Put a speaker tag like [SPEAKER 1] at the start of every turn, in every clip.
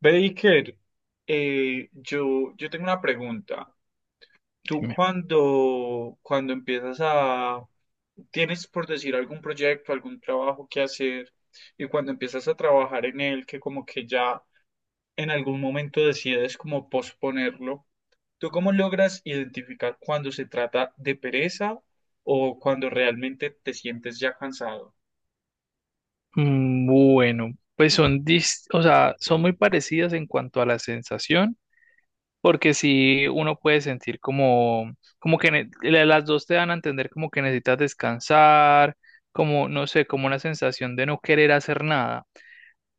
[SPEAKER 1] Baker, yo tengo una pregunta. Tú
[SPEAKER 2] Dime.
[SPEAKER 1] cuando empiezas a, tienes por decir algún proyecto, algún trabajo que hacer, y cuando empiezas a trabajar en él, que como que ya en algún momento decides como posponerlo, ¿tú cómo logras identificar cuando se trata de pereza o cuando realmente te sientes ya cansado?
[SPEAKER 2] Bueno, pues son, o sea, son muy parecidas en cuanto a la sensación, porque si uno puede sentir como, como que las dos te dan a entender como que necesitas descansar, como, no sé, como una sensación de no querer hacer nada.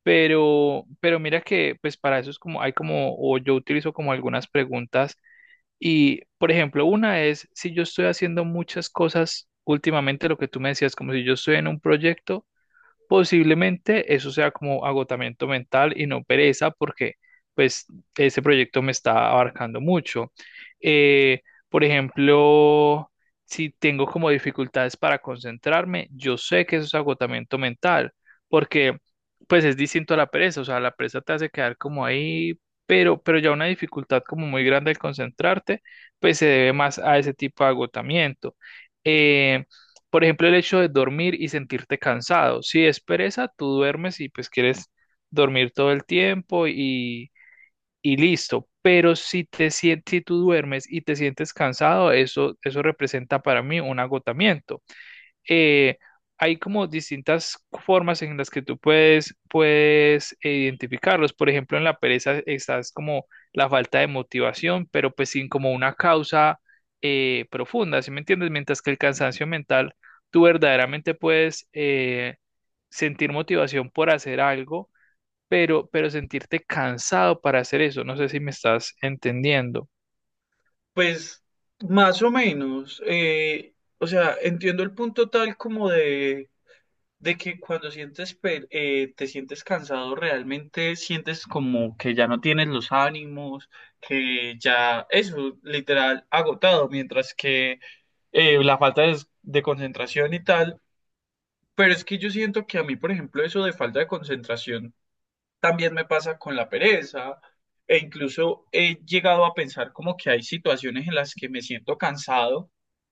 [SPEAKER 2] Pero mira que, pues para eso es como, hay como, o yo utilizo como algunas preguntas y, por ejemplo, una es si yo estoy haciendo muchas cosas últimamente, lo que tú me decías, como si yo estoy en un proyecto. Posiblemente eso sea como agotamiento mental y no pereza, porque pues ese proyecto me está abarcando mucho. Eh, por ejemplo, si tengo como dificultades para concentrarme, yo sé que eso es agotamiento mental, porque pues es distinto a la pereza, o sea, la pereza te hace quedar como ahí, pero ya una dificultad como muy grande al concentrarte, pues se debe más a ese tipo de agotamiento. Eh, por ejemplo, el hecho de dormir y sentirte cansado. Si es pereza, tú duermes y pues quieres dormir todo el tiempo y listo. Pero si te sientes, si tú duermes y te sientes cansado, eso representa para mí un agotamiento. eh, hay como distintas formas en las que tú puedes, puedes identificarlos. Por ejemplo, en la pereza estás como la falta de motivación, pero pues sin como una causa profunda, ¿sí me entiendes? Mientras que el cansancio mental, tú verdaderamente puedes sentir motivación por hacer algo, pero sentirte cansado para hacer eso. No sé si me estás entendiendo.
[SPEAKER 1] Pues más o menos, o sea, entiendo el punto tal como de que cuando te sientes cansado, realmente sientes como que ya no tienes los ánimos, que ya eso, literal, agotado, mientras que la falta de concentración y tal, pero es que yo siento que a mí, por ejemplo, eso de falta de concentración también me pasa con la pereza e incluso he llegado a pensar como que hay situaciones en las que me siento cansado,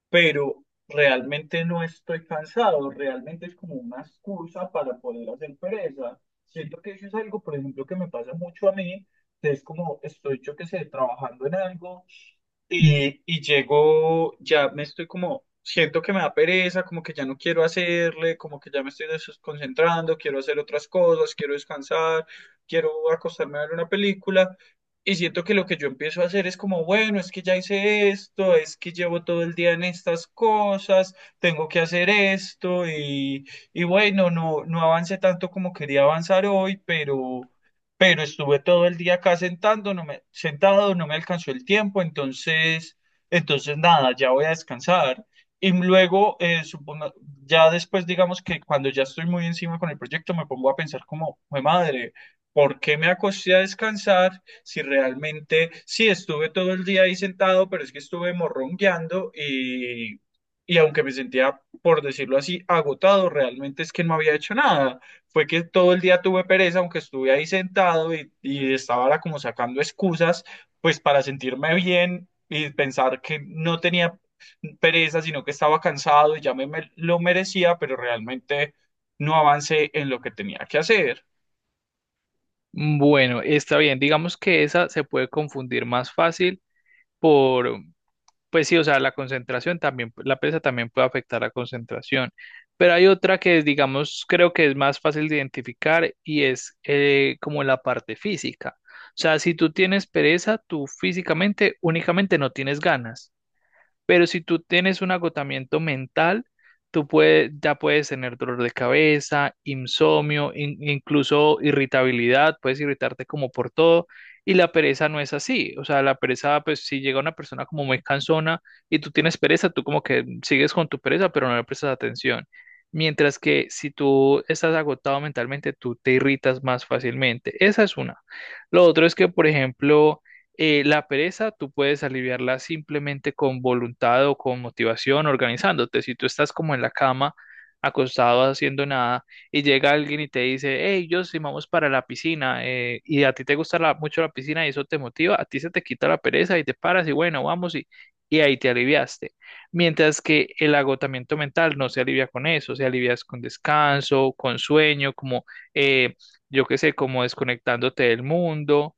[SPEAKER 1] pero realmente no estoy cansado, realmente es como una excusa para poder hacer pereza. Siento que eso es algo, por ejemplo, que me pasa mucho a mí, que es como estoy, yo qué sé, trabajando en algo. Y llego, ya me estoy como, siento que me da pereza, como que ya no quiero hacerle, como que ya me estoy desconcentrando, quiero hacer otras cosas, quiero descansar, quiero acostarme a ver una película. Y siento que lo que yo empiezo a hacer es como, bueno, es que ya hice esto, es que llevo todo el día en estas cosas, tengo que hacer esto y bueno, no avancé tanto como quería avanzar hoy, pero estuve todo el día acá sentado, no me alcanzó el tiempo, entonces nada, ya voy a descansar. Y luego, ya después, digamos que cuando ya estoy muy encima con el proyecto, me pongo a pensar como, "Jue madre, ¿por qué me acosté a descansar si realmente, sí, estuve todo el día ahí sentado, pero es que estuve morrongueando y aunque me sentía, por decirlo así, agotado, realmente es que no había hecho nada, fue que todo el día tuve pereza, aunque estuve ahí sentado y estaba ahora como sacando excusas, pues para sentirme bien y pensar que no tenía pereza, sino que estaba cansado y ya lo merecía, pero realmente no avancé en lo que tenía que hacer.
[SPEAKER 2] Bueno, está bien. Digamos que esa se puede confundir más fácil por, pues sí, o sea, la concentración también, la pesa también puede afectar la concentración, pero hay otra que, digamos, creo que es más fácil de identificar y es como la parte física. O sea, si tú tienes pereza, tú físicamente únicamente no tienes ganas. Pero si tú tienes un agotamiento mental, tú puedes, ya puedes tener dolor de cabeza, insomnio, incluso irritabilidad, puedes irritarte como por todo. Y la pereza no es así. O sea, la pereza, pues si llega una persona como muy cansona y tú tienes pereza, tú como que sigues con tu pereza, pero no le prestas atención. Mientras que si tú estás agotado mentalmente, tú te irritas más fácilmente. Esa es una. Lo otro es que, por ejemplo, la pereza tú puedes aliviarla simplemente con voluntad o con motivación, organizándote. Si tú estás como en la cama, acostado, haciendo nada, y llega alguien y te dice, hey, yo sí vamos para la piscina, y a ti te gusta mucho la piscina y eso te motiva, a ti se te quita la pereza y te paras y bueno, vamos y ahí te aliviaste. Mientras que el agotamiento mental no se alivia con eso, se alivia con descanso, con sueño, como, eh, yo qué sé, como desconectándote del mundo.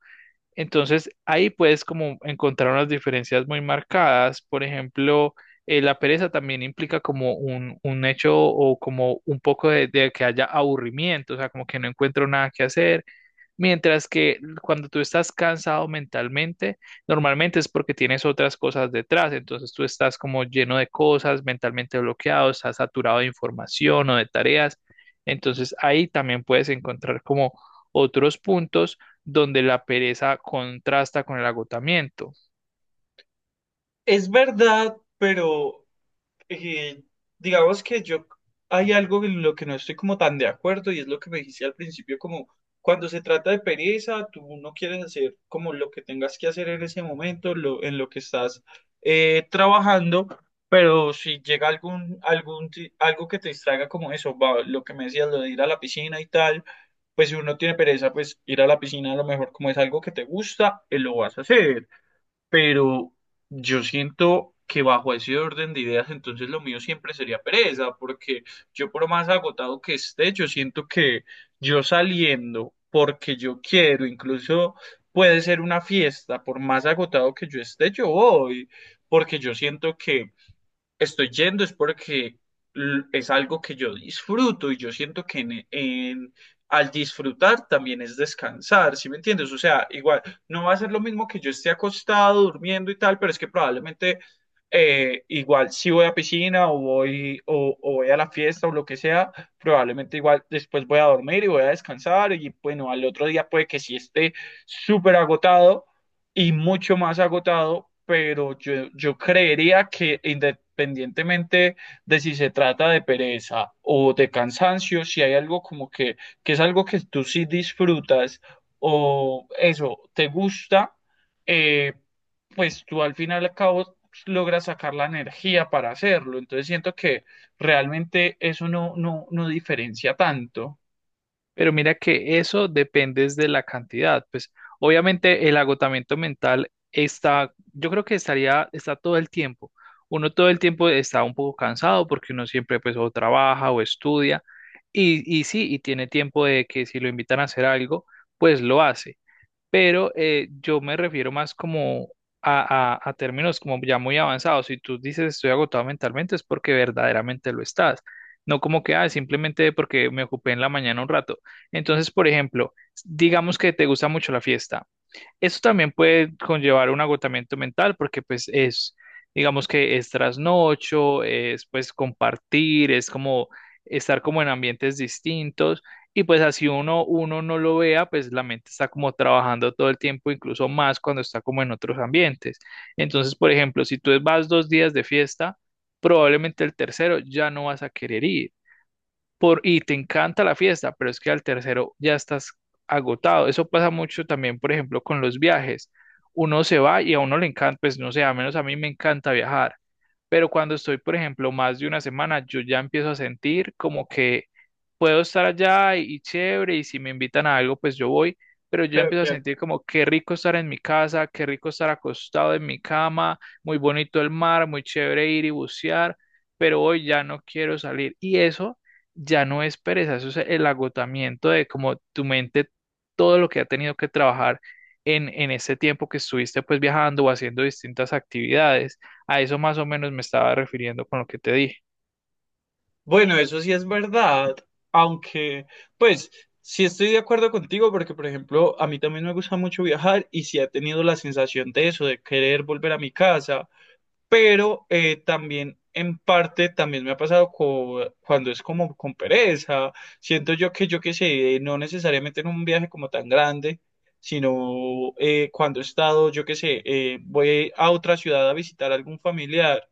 [SPEAKER 2] Entonces ahí puedes como encontrar unas diferencias muy marcadas. Por ejemplo, la pereza también implica como un hecho o como un poco de que haya aburrimiento, o sea, como que no encuentro nada que hacer. Mientras que cuando tú estás cansado mentalmente, normalmente es porque tienes otras cosas detrás, entonces tú estás como lleno de cosas, mentalmente bloqueado, estás saturado de información o de tareas, entonces ahí también puedes encontrar como otros puntos donde la pereza contrasta con el agotamiento.
[SPEAKER 1] Es verdad, pero eh, digamos que yo hay algo en lo que no estoy como tan de acuerdo y es lo que me dijiste al principio, como cuando se trata de pereza, tú no quieres hacer como lo que tengas que hacer en ese momento, lo, en lo que estás trabajando, pero si llega algo que te distraiga como eso, va, lo que me decías, lo de ir a la piscina y tal, pues si uno tiene pereza, pues ir a la piscina a lo mejor como es algo que te gusta, lo vas a hacer, pero yo siento que bajo ese orden de ideas, entonces lo mío siempre sería pereza, porque yo por más agotado que esté, yo siento que yo saliendo porque yo quiero, incluso puede ser una fiesta, por más agotado que yo esté, yo voy, porque yo siento que estoy yendo es porque es algo que yo disfruto y yo siento que al disfrutar también es descansar, ¿sí me entiendes? O sea, igual, no va a ser lo mismo que yo esté acostado, durmiendo y tal, pero es que probablemente, igual si voy a piscina o o voy a la fiesta o lo que sea, probablemente igual después voy a dormir y voy a descansar y bueno, al otro día puede que sí esté súper agotado y mucho más agotado, pero yo creería que independientemente de si se trata de pereza o de cansancio, si hay algo como que es algo que tú sí disfrutas o eso, te gusta, eh, pues tú al final y al cabo logras sacar la energía para hacerlo. Entonces siento que realmente eso no diferencia tanto.
[SPEAKER 2] Pero mira que eso depende es de la cantidad. Pues obviamente el agotamiento mental está, yo creo que estaría, está todo el tiempo. Uno todo el tiempo está un poco cansado porque uno siempre pues o trabaja o estudia y sí, y tiene tiempo de que si lo invitan a hacer algo, pues lo hace, pero yo me refiero más como a, a términos como ya muy avanzados. Si tú dices estoy agotado mentalmente es porque verdaderamente lo estás, no como que ah, simplemente porque me ocupé en la mañana un rato. Entonces, por ejemplo, digamos que te gusta mucho la fiesta. Eso también puede conllevar un agotamiento mental porque pues es, digamos que es trasnocho, es pues compartir, es como estar como en ambientes distintos y pues así uno, uno no lo vea, pues la mente está como trabajando todo el tiempo, incluso más cuando está como en otros ambientes. Entonces, por ejemplo, si tú vas 2 días de fiesta, probablemente el tercero ya no vas a querer ir por, y te encanta la fiesta, pero es que al tercero ya estás agotado. Eso pasa mucho también, por ejemplo, con los viajes. Uno se va y a uno le encanta, pues no sé, a menos a mí me encanta viajar, pero cuando estoy, por ejemplo, más de 1 semana, yo ya empiezo a sentir como que puedo estar allá y chévere, y si me invitan a algo, pues yo voy, pero yo ya
[SPEAKER 1] Pero
[SPEAKER 2] empiezo a
[SPEAKER 1] que
[SPEAKER 2] sentir como qué rico estar en mi casa, qué rico estar acostado en mi cama, muy bonito el mar, muy chévere ir y bucear, pero hoy ya no quiero salir. Y eso ya no es pereza, eso es el agotamiento de como tu mente, todo lo que ha tenido que trabajar en ese tiempo que estuviste pues viajando o haciendo distintas actividades. A eso más o menos me estaba refiriendo con lo que te dije.
[SPEAKER 1] bueno, eso sí es verdad, aunque pues sí estoy de acuerdo contigo porque, por ejemplo, a mí también me gusta mucho viajar y sí he tenido la sensación de eso, de querer volver a mi casa, pero también en parte también me ha pasado cuando es como con pereza, siento yo que yo qué sé, no necesariamente en un viaje como tan grande, sino cuando he estado, yo qué sé, voy a otra ciudad a visitar a algún familiar,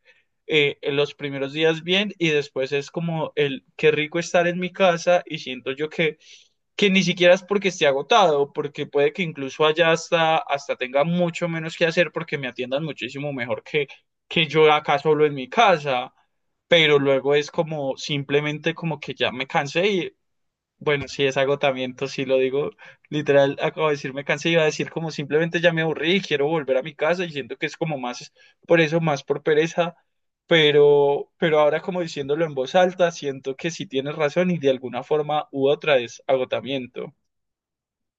[SPEAKER 1] en los primeros días bien y después es como el qué rico estar en mi casa y siento yo que ni siquiera es porque esté agotado, porque puede que incluso allá hasta tenga mucho menos que hacer porque me atiendan muchísimo mejor que yo acá solo en mi casa, pero luego es como simplemente como que ya me cansé y bueno, si es agotamiento, si lo digo literal, acabo de decir me cansé, iba a decir como simplemente ya me aburrí y quiero volver a mi casa y siento que es como más por eso, más por pereza, pero ahora como diciéndolo en voz alta, siento que sí tienes razón y de alguna forma u otra es agotamiento.